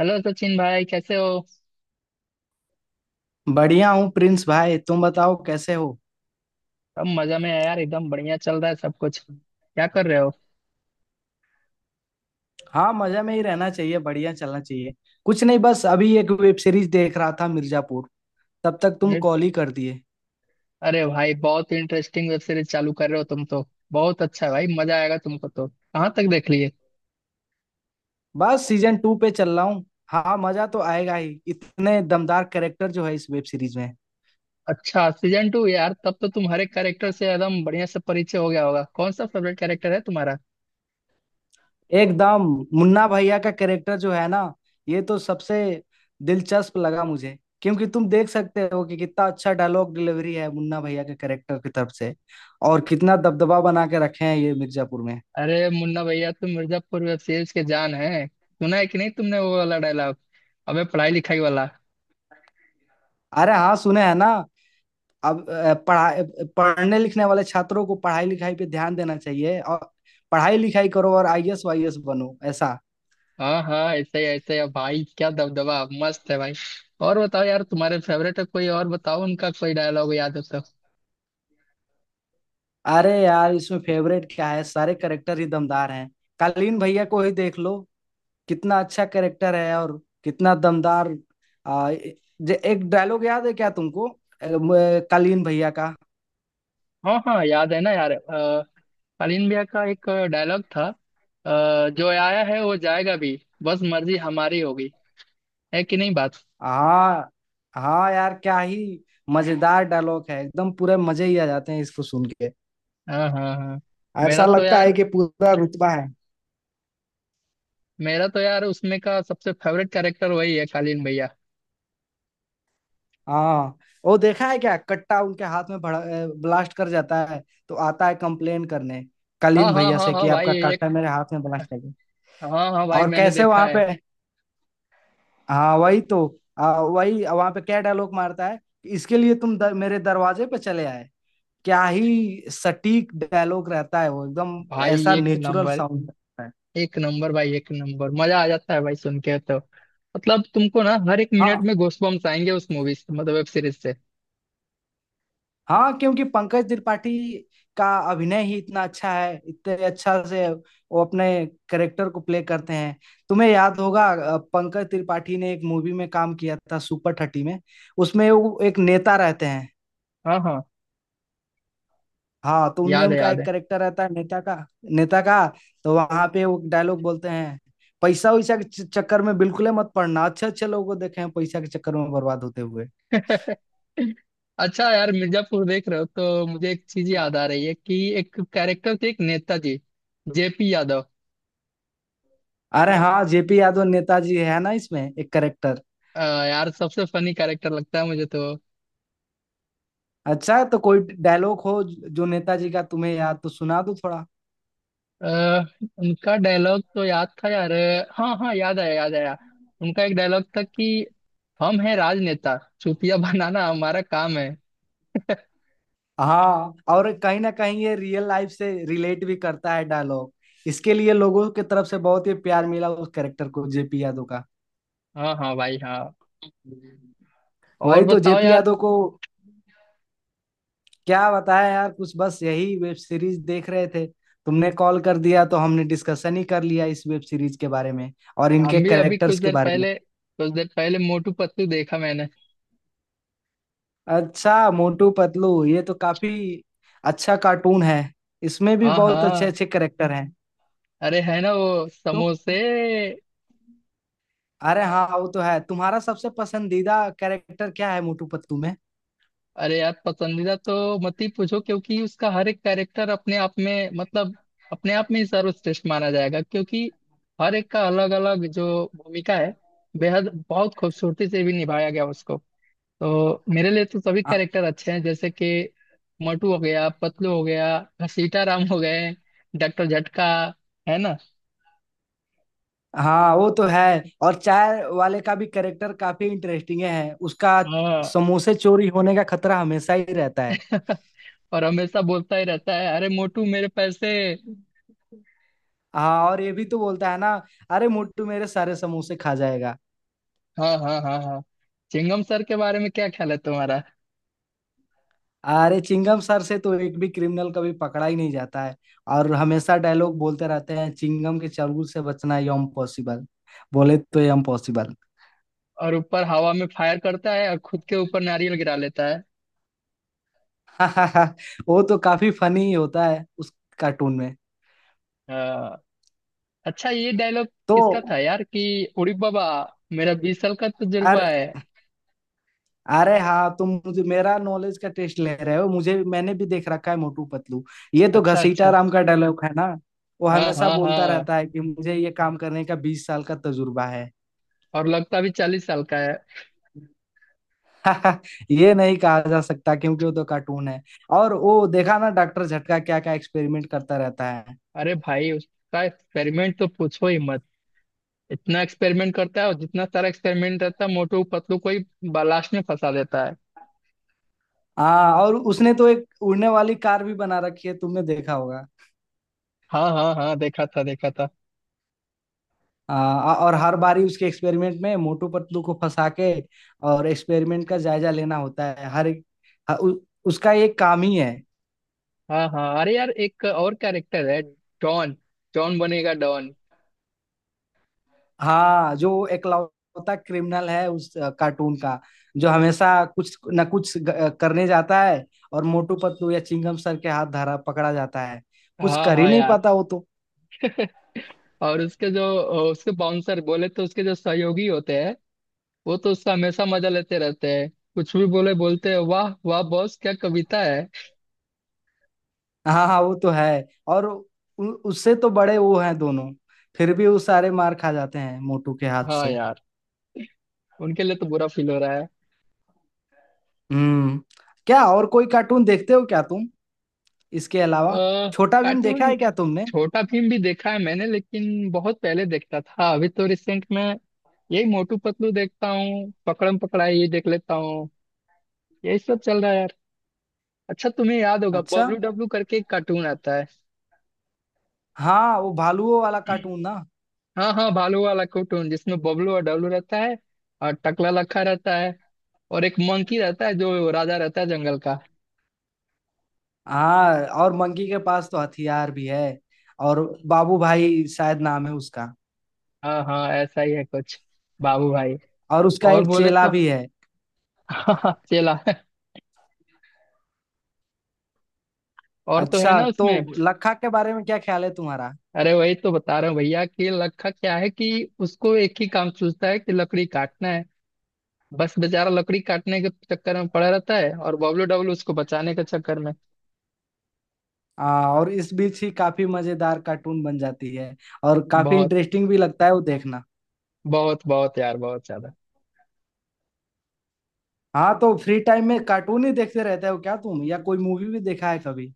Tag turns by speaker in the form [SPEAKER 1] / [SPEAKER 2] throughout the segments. [SPEAKER 1] Hello Sachin भाई, कैसे हो।
[SPEAKER 2] बढ़िया हूँ प्रिंस भाई। तुम बताओ कैसे हो।
[SPEAKER 1] सब मजा में है यार, एकदम बढ़िया चल रहा है सब कुछ। क्या कर रहे हो।
[SPEAKER 2] हाँ, मजा में ही रहना चाहिए, बढ़िया चलना चाहिए। कुछ नहीं, बस अभी एक वेब सीरीज देख रहा था, मिर्जापुर। तब तक तुम
[SPEAKER 1] मैं-
[SPEAKER 2] कॉल ही कर दिए।
[SPEAKER 1] अरे भाई, बहुत इंटरेस्टिंग वेब सीरीज चालू कर रहे हो तुम तो। बहुत अच्छा है भाई, मजा आएगा तुमको तो। कहाँ तक देख लिए।
[SPEAKER 2] बस सीजन 2 पे चल रहा हूँ। हाँ मजा तो आएगा ही, इतने दमदार कैरेक्टर जो है इस वेब सीरीज में।
[SPEAKER 1] अच्छा सीजन टू, यार तब तो तुम हर एक कैरेक्टर से एकदम बढ़िया से परिचय हो गया होगा। कौन सा फेवरेट कैरेक्टर है तुम्हारा।
[SPEAKER 2] एकदम। मुन्ना भैया का कैरेक्टर जो है ना, ये तो सबसे दिलचस्प लगा मुझे। क्योंकि तुम देख सकते हो कि कितना अच्छा डायलॉग डिलीवरी है मुन्ना भैया के कैरेक्टर की तरफ से। और कितना दबदबा बना के रखे हैं ये मिर्जापुर में।
[SPEAKER 1] अरे मुन्ना भैया तुम मिर्जापुर वेब सीरीज के जान है। सुना है कि नहीं तुमने वो वाला डायलॉग, अबे पढ़ाई लिखाई वाला।
[SPEAKER 2] अरे हाँ, सुने हैं ना। अब अ, पढ़ा पढ़ने लिखने वाले छात्रों को पढ़ाई लिखाई पे ध्यान देना चाहिए। और पढ़ाई लिखाई करो और आईएएस वाईएएस बनो, ऐसा।
[SPEAKER 1] हाँ हाँ, ऐसे ही ऐसे ही। अब भाई क्या दबदबा, मस्त है भाई। और बताओ यार, तुम्हारे फेवरेट है कोई और, बताओ उनका कोई डायलॉग याद हो तो।
[SPEAKER 2] अरे यार, इसमें फेवरेट क्या है, सारे कैरेक्टर ही दमदार हैं। कालीन भैया को ही देख लो, कितना अच्छा कैरेक्टर है। और कितना दमदार। आ, एक डायलॉग याद है क्या तुमको? कालीन भैया का।
[SPEAKER 1] हाँ हाँ याद है ना यार। शालीन भैया का एक डायलॉग था। जो आया है वो जाएगा भी, बस मर्जी हमारी होगी। है कि नहीं बात।
[SPEAKER 2] हाँ हाँ, यार क्या ही मजेदार डायलॉग है, एकदम पूरे मजे ही आ जाते हैं इसको सुन के।
[SPEAKER 1] हाँ हाँ हाँ। मेरा
[SPEAKER 2] ऐसा
[SPEAKER 1] तो
[SPEAKER 2] लगता है
[SPEAKER 1] यार
[SPEAKER 2] कि पूरा रुतबा है।
[SPEAKER 1] मेरा तो यार उसमें का सबसे फेवरेट कैरेक्टर वही है, शालीन भैया।
[SPEAKER 2] हाँ, वो देखा है क्या, कट्टा उनके हाथ में भड़ा, ब्लास्ट कर जाता है। तो आता है कंप्लेन करने
[SPEAKER 1] हाँ
[SPEAKER 2] कलीन
[SPEAKER 1] हाँ
[SPEAKER 2] भैया
[SPEAKER 1] हाँ
[SPEAKER 2] से
[SPEAKER 1] हाँ
[SPEAKER 2] कि
[SPEAKER 1] भाई,
[SPEAKER 2] आपका
[SPEAKER 1] एक।
[SPEAKER 2] कट्टा मेरे हाथ में ब्लास्ट कर गया।
[SPEAKER 1] हाँ हाँ भाई
[SPEAKER 2] और
[SPEAKER 1] मैंने
[SPEAKER 2] कैसे
[SPEAKER 1] देखा
[SPEAKER 2] वहां
[SPEAKER 1] है।
[SPEAKER 2] पे। हाँ वही तो। वही वहां पे क्या डायलॉग मारता है, इसके लिए तुम मेरे दरवाजे पे चले आए। क्या ही सटीक डायलॉग रहता है वो, एकदम
[SPEAKER 1] भाई
[SPEAKER 2] ऐसा
[SPEAKER 1] एक
[SPEAKER 2] नेचुरल
[SPEAKER 1] नंबर,
[SPEAKER 2] साउंड रहता है।
[SPEAKER 1] एक नंबर भाई एक नंबर, मजा आ जाता है भाई सुन के तो। मतलब तुमको ना हर एक
[SPEAKER 2] हाँ,
[SPEAKER 1] मिनट में गूज़बम्प्स आएंगे उस मूवी से, मतलब वेब सीरीज से।
[SPEAKER 2] हाँ, क्योंकि पंकज त्रिपाठी का अभिनय ही इतना अच्छा है, इतने अच्छा से वो अपने करेक्टर को प्ले करते हैं। तुम्हें याद होगा, पंकज त्रिपाठी ने एक मूवी में काम किया था, सुपर थर्टी में। उसमें वो एक नेता रहते हैं।
[SPEAKER 1] हाँ हाँ,
[SPEAKER 2] हाँ तो उनमें
[SPEAKER 1] याद है
[SPEAKER 2] उनका
[SPEAKER 1] याद
[SPEAKER 2] एक
[SPEAKER 1] है।
[SPEAKER 2] करेक्टर रहता है नेता का। नेता का। तो वहां पे वो डायलॉग बोलते हैं, पैसा वैसा के चक्कर में बिल्कुल ही मत पड़ना, अच्छे अच्छे लोगों को देखे हैं पैसा के चक्कर में बर्बाद होते हुए।
[SPEAKER 1] अच्छा यार, मिर्जापुर देख रहे हो तो मुझे एक चीज याद आ रही है कि एक कैरेक्टर थे, एक नेताजी, जेपी यादव।
[SPEAKER 2] अरे हाँ, जेपी यादव नेताजी है ना, इसमें एक करेक्टर।
[SPEAKER 1] अ, यार सबसे फनी कैरेक्टर लगता है मुझे तो।
[SPEAKER 2] अच्छा तो कोई डायलॉग हो जो नेताजी का तुम्हें याद, तो सुना दो थोड़ा।
[SPEAKER 1] आ, उनका डायलॉग तो याद था यार। हाँ हाँ, याद आया याद आया। उनका एक डायलॉग था कि हम हैं राजनेता, चुतिया बनाना हमारा काम है।
[SPEAKER 2] हाँ, और कहीं ना कहीं ये रियल लाइफ से रिलेट भी करता है डायलॉग। इसके लिए लोगों की तरफ से बहुत ही प्यार मिला उस कैरेक्टर को, जेपी यादव का।
[SPEAKER 1] हाँ हाँ भाई हाँ। और
[SPEAKER 2] वही तो,
[SPEAKER 1] बताओ
[SPEAKER 2] जेपी
[SPEAKER 1] यार।
[SPEAKER 2] यादव को। क्या बताया यार, कुछ बस यही वेब सीरीज देख रहे थे। तुमने कॉल कर दिया तो हमने डिस्कशन ही कर लिया इस वेब सीरीज के बारे में और इनके
[SPEAKER 1] हम भी अभी कुछ
[SPEAKER 2] कैरेक्टर्स के
[SPEAKER 1] देर
[SPEAKER 2] बारे में।
[SPEAKER 1] पहले कुछ देर पहले मोटू पतलू देखा मैंने।
[SPEAKER 2] अच्छा मोटू पतलू, ये तो काफी अच्छा कार्टून है। इसमें भी
[SPEAKER 1] हाँ
[SPEAKER 2] बहुत अच्छे
[SPEAKER 1] हाँ,
[SPEAKER 2] अच्छे कैरेक्टर हैं।
[SPEAKER 1] अरे है ना वो
[SPEAKER 2] तो
[SPEAKER 1] समोसे।
[SPEAKER 2] अरे हाँ वो तो है, तुम्हारा सबसे पसंदीदा कैरेक्टर क्या है मोटू पतलू में?
[SPEAKER 1] अरे यार, पसंदीदा तो मत ही पूछो क्योंकि उसका हर एक कैरेक्टर अपने आप में मतलब अपने आप में ही सर्वश्रेष्ठ माना जाएगा, क्योंकि हर एक का अलग अलग जो भूमिका है, बेहद बहुत खूबसूरती से भी निभाया गया उसको। तो मेरे लिए तो सभी
[SPEAKER 2] हाँ
[SPEAKER 1] कैरेक्टर अच्छे हैं, जैसे कि मोटू हो गया, पतलू हो गया, घसीटा राम हो गए, डॉक्टर झटका। है ना।
[SPEAKER 2] हाँ, वो तो है। और चाय वाले का भी कैरेक्टर काफी इंटरेस्टिंग है उसका।
[SPEAKER 1] हाँ।
[SPEAKER 2] समोसे चोरी होने का खतरा हमेशा ही रहता
[SPEAKER 1] और हमेशा बोलता ही रहता है, अरे मोटू मेरे पैसे।
[SPEAKER 2] है। हाँ और ये भी तो बोलता है ना, अरे मोटू मेरे सारे समोसे खा जाएगा।
[SPEAKER 1] हाँ हाँ हाँ हाँ, चिंगम सर के बारे में क्या ख्याल है तुम्हारा।
[SPEAKER 2] अरे चिंगम सर से तो एक भी क्रिमिनल कभी पकड़ा ही नहीं जाता है। और हमेशा डायलॉग बोलते रहते हैं, चिंगम के चंगुल से बचना ये इम्पॉसिबल, बोले तो ये इम्पॉसिबल।
[SPEAKER 1] और ऊपर हवा में फायर करता है और खुद के ऊपर नारियल गिरा लेता है।
[SPEAKER 2] वो तो काफी फनी होता है उस कार्टून में।
[SPEAKER 1] हाँ। अच्छा ये डायलॉग
[SPEAKER 2] तो
[SPEAKER 1] किसका था यार, कि उड़ी बाबा मेरा 20 साल का तजुर्बा है।
[SPEAKER 2] अरे हाँ, तुम मुझे मेरा नॉलेज का टेस्ट ले रहे हो मुझे, मैंने भी देख रखा है मोटू पतलू। ये तो
[SPEAKER 1] अच्छा
[SPEAKER 2] घसीटा
[SPEAKER 1] अच्छा।
[SPEAKER 2] राम का डायलॉग है ना। वो
[SPEAKER 1] हाँ
[SPEAKER 2] हमेशा
[SPEAKER 1] हाँ
[SPEAKER 2] बोलता
[SPEAKER 1] हाँ,
[SPEAKER 2] रहता है कि मुझे ये काम करने का 20 साल का तजुर्बा है।
[SPEAKER 1] और लगता भी 40 साल का है।
[SPEAKER 2] ये नहीं कहा जा सकता क्योंकि वो तो कार्टून है। और वो देखा ना डॉक्टर झटका क्या क्या एक्सपेरिमेंट करता रहता है।
[SPEAKER 1] अरे भाई, उसका एक्सपेरिमेंट तो पूछो ही मत। इतना एक्सपेरिमेंट करता है, और जितना सारा एक्सपेरिमेंट रहता है मोटू पतलू को ही लास्ट में फंसा देता है।
[SPEAKER 2] हाँ और उसने तो एक उड़ने वाली कार भी बना रखी है, तुमने देखा होगा।
[SPEAKER 1] हाँ हाँ हाँ, देखा था देखा था।
[SPEAKER 2] और हर बारी उसके एक्सपेरिमेंट में मोटू पतलू को फंसा के, और एक्सपेरिमेंट का जायजा लेना होता है हर एक। ह- उ, उसका एक काम ही है।
[SPEAKER 1] हाँ हाँ, अरे यार एक और कैरेक्टर है, डॉन। डॉन बनेगा डॉन।
[SPEAKER 2] हाँ जो एकलौता क्रिमिनल है उस कार्टून का, जो हमेशा कुछ न कुछ करने जाता है और मोटू पतलू या चिंगम सर के हाथ धरा पकड़ा जाता है। कुछ
[SPEAKER 1] हाँ
[SPEAKER 2] कर ही
[SPEAKER 1] हाँ
[SPEAKER 2] नहीं
[SPEAKER 1] यार,
[SPEAKER 2] पाता वो तो।
[SPEAKER 1] और उसके जो उसके बाउंसर, बोले तो उसके जो सहयोगी होते हैं, वो तो उसका हमेशा मजा लेते रहते हैं। कुछ भी बोले, बोलते हैं वाह वाह बॉस, क्या कविता है।
[SPEAKER 2] हाँ हाँ वो तो है। और उससे तो बड़े वो हैं दोनों, फिर भी वो सारे मार खा जाते हैं मोटू के हाथ
[SPEAKER 1] हाँ
[SPEAKER 2] से।
[SPEAKER 1] यार, उनके लिए तो बुरा फील हो रहा है।
[SPEAKER 2] हम्म। क्या और कोई कार्टून देखते हो क्या तुम, इसके अलावा?
[SPEAKER 1] आ,
[SPEAKER 2] छोटा भीम देखा
[SPEAKER 1] कार्टून।
[SPEAKER 2] है क्या तुमने?
[SPEAKER 1] छोटा भीम भी देखा है मैंने, लेकिन बहुत पहले देखता था। अभी तो रिसेंट में यही मोटू पतलू देखता हूँ, पकड़म पकड़ाई ये देख लेता हूँ, यही सब चल रहा है। अच्छा तुम्हें याद होगा,
[SPEAKER 2] अच्छा,
[SPEAKER 1] बबलू डब्लू करके एक कार्टून आता है।
[SPEAKER 2] हाँ वो भालुओं वाला कार्टून ना।
[SPEAKER 1] हाँ हाँ, भालू वाला कार्टून जिसमें बबलू और डब्लू रहता है, और टकला लखा रहता है, और एक मंकी रहता है जो राजा रहता है जंगल का।
[SPEAKER 2] हाँ और मंकी के पास तो हथियार भी है। और बाबू भाई शायद नाम है उसका।
[SPEAKER 1] हाँ हाँ, ऐसा ही है कुछ, बाबू भाई।
[SPEAKER 2] और उसका
[SPEAKER 1] और
[SPEAKER 2] एक
[SPEAKER 1] बोले
[SPEAKER 2] चेला
[SPEAKER 1] तो
[SPEAKER 2] भी है।
[SPEAKER 1] चला। और तो है
[SPEAKER 2] अच्छा
[SPEAKER 1] ना
[SPEAKER 2] तो
[SPEAKER 1] उसमें।
[SPEAKER 2] लखा के बारे में क्या ख्याल है तुम्हारा?
[SPEAKER 1] अरे वही तो बता रहा हूँ भैया कि लखा क्या है कि उसको एक ही काम सूझता है, कि लकड़ी काटना है। बस बेचारा लकड़ी काटने के चक्कर में पड़ा रहता है, और बबलू डब्लू उसको बचाने के चक्कर में।
[SPEAKER 2] हाँ और इस बीच ही काफी मजेदार कार्टून बन जाती है। और काफी
[SPEAKER 1] बहुत,
[SPEAKER 2] इंटरेस्टिंग भी लगता है वो देखना।
[SPEAKER 1] बहुत बहुत यार, बहुत ज्यादा।
[SPEAKER 2] हाँ तो फ्री टाइम में कार्टून ही देखते रहते हो क्या तुम, या कोई मूवी भी देखा है कभी?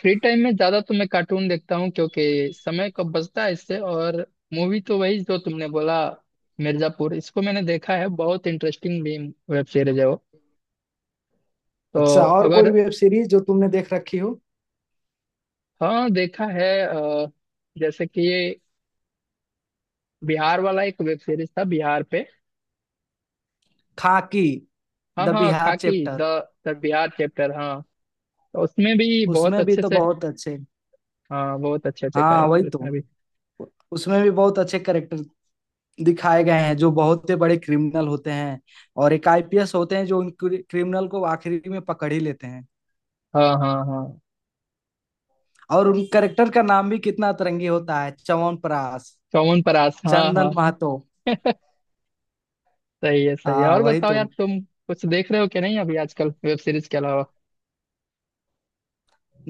[SPEAKER 1] फ्री टाइम में ज्यादा तो मैं कार्टून देखता हूँ क्योंकि समय कब बचता है इससे। और मूवी तो वही जो तुमने बोला, मिर्जापुर, इसको मैंने देखा है। बहुत इंटरेस्टिंग भी वेब सीरीज है वो तो।
[SPEAKER 2] अच्छा, और कोई
[SPEAKER 1] अगर,
[SPEAKER 2] वेब सीरीज जो तुमने देख रखी हो?
[SPEAKER 1] हाँ देखा है। जैसे कि ये बिहार वाला एक वेब सीरीज था, बिहार पे।
[SPEAKER 2] खाकी
[SPEAKER 1] हाँ
[SPEAKER 2] द
[SPEAKER 1] हाँ,
[SPEAKER 2] Bihar
[SPEAKER 1] Khakee the.
[SPEAKER 2] Chapter.
[SPEAKER 1] The Bihar chapter, हाँ। तो उसमें भी बहुत
[SPEAKER 2] उसमें भी
[SPEAKER 1] अच्छे
[SPEAKER 2] तो
[SPEAKER 1] से।
[SPEAKER 2] बहुत अच्छे।
[SPEAKER 1] हाँ, बहुत अच्छे अच्छे
[SPEAKER 2] हाँ वही
[SPEAKER 1] कैरेक्टर उसमें
[SPEAKER 2] तो,
[SPEAKER 1] भी।
[SPEAKER 2] उसमें भी बहुत अच्छे करेक्टर दिखाए गए हैं, जो बहुत ही बड़े क्रिमिनल होते हैं। और एक आईपीएस होते हैं जो उन क्रिमिनल को आखिरी में पकड़ ही लेते हैं।
[SPEAKER 1] हाँ हाँ हाँ,
[SPEAKER 2] और उन करेक्टर का नाम भी कितना अतरंगी होता है, च्यवनप्राश,
[SPEAKER 1] चौवन परास हाँ हाँ।
[SPEAKER 2] चंदन महतो।
[SPEAKER 1] सही है सही है।
[SPEAKER 2] हाँ
[SPEAKER 1] और
[SPEAKER 2] वही
[SPEAKER 1] बताओ यार,
[SPEAKER 2] तो।
[SPEAKER 1] तुम कुछ देख रहे हो कि नहीं अभी आजकल वेब सीरीज के अलावा।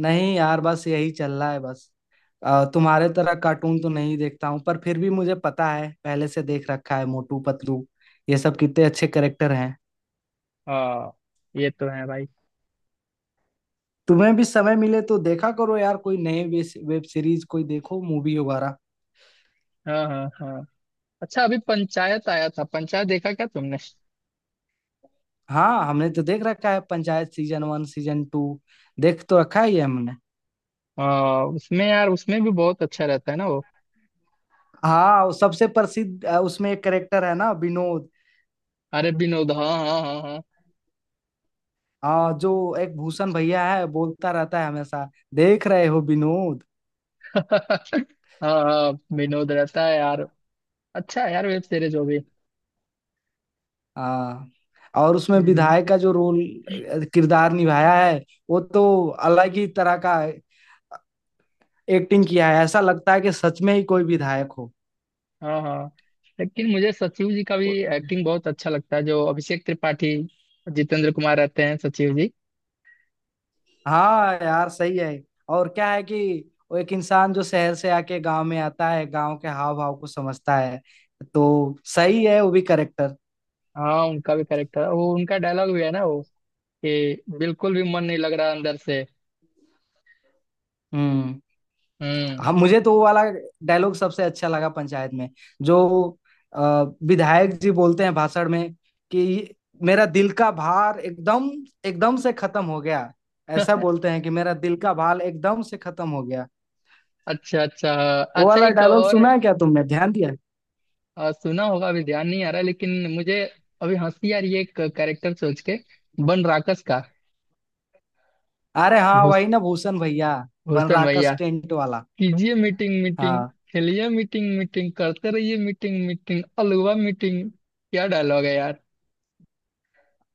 [SPEAKER 2] नहीं यार, बस यही चल रहा है बस। तुम्हारे तरह कार्टून तो नहीं देखता हूँ, पर फिर भी मुझे पता है, पहले से देख रखा है मोटू पतलू। ये सब कितने अच्छे करेक्टर हैं।
[SPEAKER 1] हाँ, ये तो है भाई।
[SPEAKER 2] तुम्हें भी समय मिले तो देखा करो यार, कोई नए वेब सीरीज कोई देखो, मूवी वगैरह।
[SPEAKER 1] हाँ हाँ हाँ। अच्छा अभी पंचायत आया था, पंचायत देखा क्या तुमने।
[SPEAKER 2] हाँ, हमने तो देख रखा है पंचायत, सीजन 1, सीजन 2। देख तो रखा ही है हमने।
[SPEAKER 1] हाँ, उसमें यार, उसमें भी बहुत अच्छा रहता है ना वो।
[SPEAKER 2] हाँ, वो सबसे प्रसिद्ध उसमें एक करेक्टर है ना, विनोद।
[SPEAKER 1] अरे विनोद, हाँ हाँ हाँ हाँ।
[SPEAKER 2] हाँ, जो एक भूषण भैया है, बोलता रहता है हमेशा, देख रहे हो विनोद।
[SPEAKER 1] हाँ हाँ, विनोद रहता है यार। अच्छा है यार वेब सीरीज वो भी।
[SPEAKER 2] हाँ और उसमें
[SPEAKER 1] हम्म।
[SPEAKER 2] विधायक का जो रोल किरदार निभाया है, वो तो अलग ही तरह का एक्टिंग किया है। ऐसा लगता है कि सच में ही कोई विधायक हो।
[SPEAKER 1] हाँ हाँ, लेकिन मुझे सचिव जी का भी एक्टिंग बहुत अच्छा लगता है, जो अभिषेक त्रिपाठी, जितेंद्र कुमार रहते हैं सचिव जी।
[SPEAKER 2] हाँ यार, सही है। और क्या है कि वो एक इंसान जो शहर से आके गांव में आता है, गांव के हाव भाव को समझता है। तो सही है वो भी करेक्टर।
[SPEAKER 1] हाँ, उनका भी करेक्टर, वो उनका डायलॉग भी है ना वो, कि बिल्कुल भी मन नहीं लग रहा अंदर से।
[SPEAKER 2] हम्म।
[SPEAKER 1] हम्म।
[SPEAKER 2] हाँ मुझे तो वो वाला डायलॉग सबसे अच्छा लगा पंचायत में। जो अ, विधायक जी बोलते हैं भाषण में कि मेरा दिल का भार एकदम, एकदम से खत्म हो गया। ऐसा बोलते हैं कि मेरा दिल का भार एकदम से खत्म हो गया।
[SPEAKER 1] अच्छा अच्छा।
[SPEAKER 2] वो
[SPEAKER 1] अच्छा
[SPEAKER 2] वाला
[SPEAKER 1] एक
[SPEAKER 2] डायलॉग
[SPEAKER 1] और।
[SPEAKER 2] सुना है क्या तुमने, ध्यान दिया है?
[SPEAKER 1] सुना होगा, अभी ध्यान नहीं आ रहा लेकिन मुझे। अभी हंसी आ रही है एक कैरेक्टर सोच के, बन राकस का।
[SPEAKER 2] अरे हाँ
[SPEAKER 1] भूस-
[SPEAKER 2] वही ना, भूषण भैया,
[SPEAKER 1] भूषण
[SPEAKER 2] बनराकस
[SPEAKER 1] भैया।
[SPEAKER 2] टेंट वाला।
[SPEAKER 1] कीजिए मीटिंग मीटिंग,
[SPEAKER 2] हाँ
[SPEAKER 1] खेलिए मीटिंग मीटिंग, करते रहिए मीटिंग मीटिंग अलवा मीटिंग, क्या डायलॉग है यार।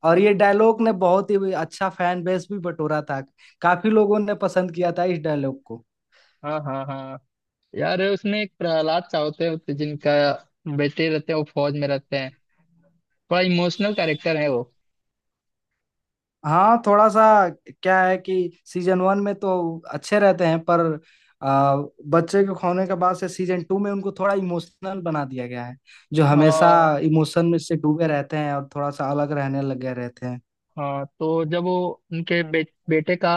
[SPEAKER 2] और ये डायलॉग ने बहुत ही अच्छा फैन बेस भी बटोरा था। काफी लोगों ने पसंद किया था इस डायलॉग को।
[SPEAKER 1] हाँ हाँ हाँ, यार उसमें एक प्रहलाद सा होते हैं जिनका बेटे रहते हैं, वो फौज में रहते हैं। बड़ा इमोशनल कैरेक्टर है वो।
[SPEAKER 2] हाँ थोड़ा सा। क्या है कि सीजन 1 में तो अच्छे रहते हैं पर आ, बच्चे के खोने के बाद से सीजन 2 में उनको थोड़ा इमोशनल बना दिया गया है। जो हमेशा
[SPEAKER 1] हाँ
[SPEAKER 2] इमोशन में से डूबे रहते हैं और थोड़ा सा अलग रहने लग गए रहते हैं।
[SPEAKER 1] हाँ, तो जब वो उनके बेटे का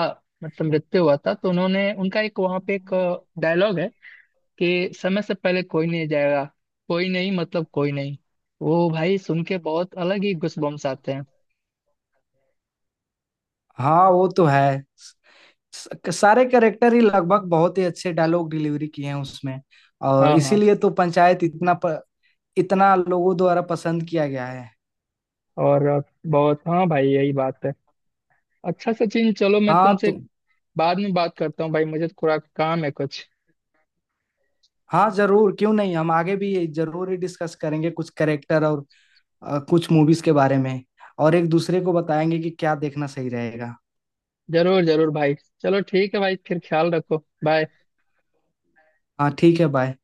[SPEAKER 1] मतलब मृत्यु हुआ था, तो उन्होंने उनका एक वहां पे एक डायलॉग है कि समय से पहले कोई नहीं जाएगा। कोई नहीं मतलब कोई नहीं। वो भाई सुन के बहुत अलग ही गूजबम्स आते हैं।
[SPEAKER 2] हाँ वो तो है। सारे कैरेक्टर ही लगभग बहुत ही अच्छे डायलॉग डिलीवरी किए हैं उसमें। और
[SPEAKER 1] हाँ हाँ।
[SPEAKER 2] इसीलिए तो पंचायत इतना इतना लोगों द्वारा पसंद किया गया है।
[SPEAKER 1] और बहुत, हाँ भाई यही बात है। अच्छा सचिन, चलो मैं
[SPEAKER 2] हाँ तो।
[SPEAKER 1] तुमसे बाद में बात करता हूँ भाई, मुझे थोड़ा काम है कुछ।
[SPEAKER 2] हाँ जरूर, क्यों नहीं, हम आगे भी ये जरूर ही डिस्कस करेंगे कुछ करेक्टर और कुछ मूवीज के बारे में, और एक दूसरे को बताएंगे कि क्या देखना सही रहेगा।
[SPEAKER 1] जरूर जरूर भाई। चलो ठीक है भाई, फिर ख्याल रखो। बाय।
[SPEAKER 2] हाँ ठीक है, बाय।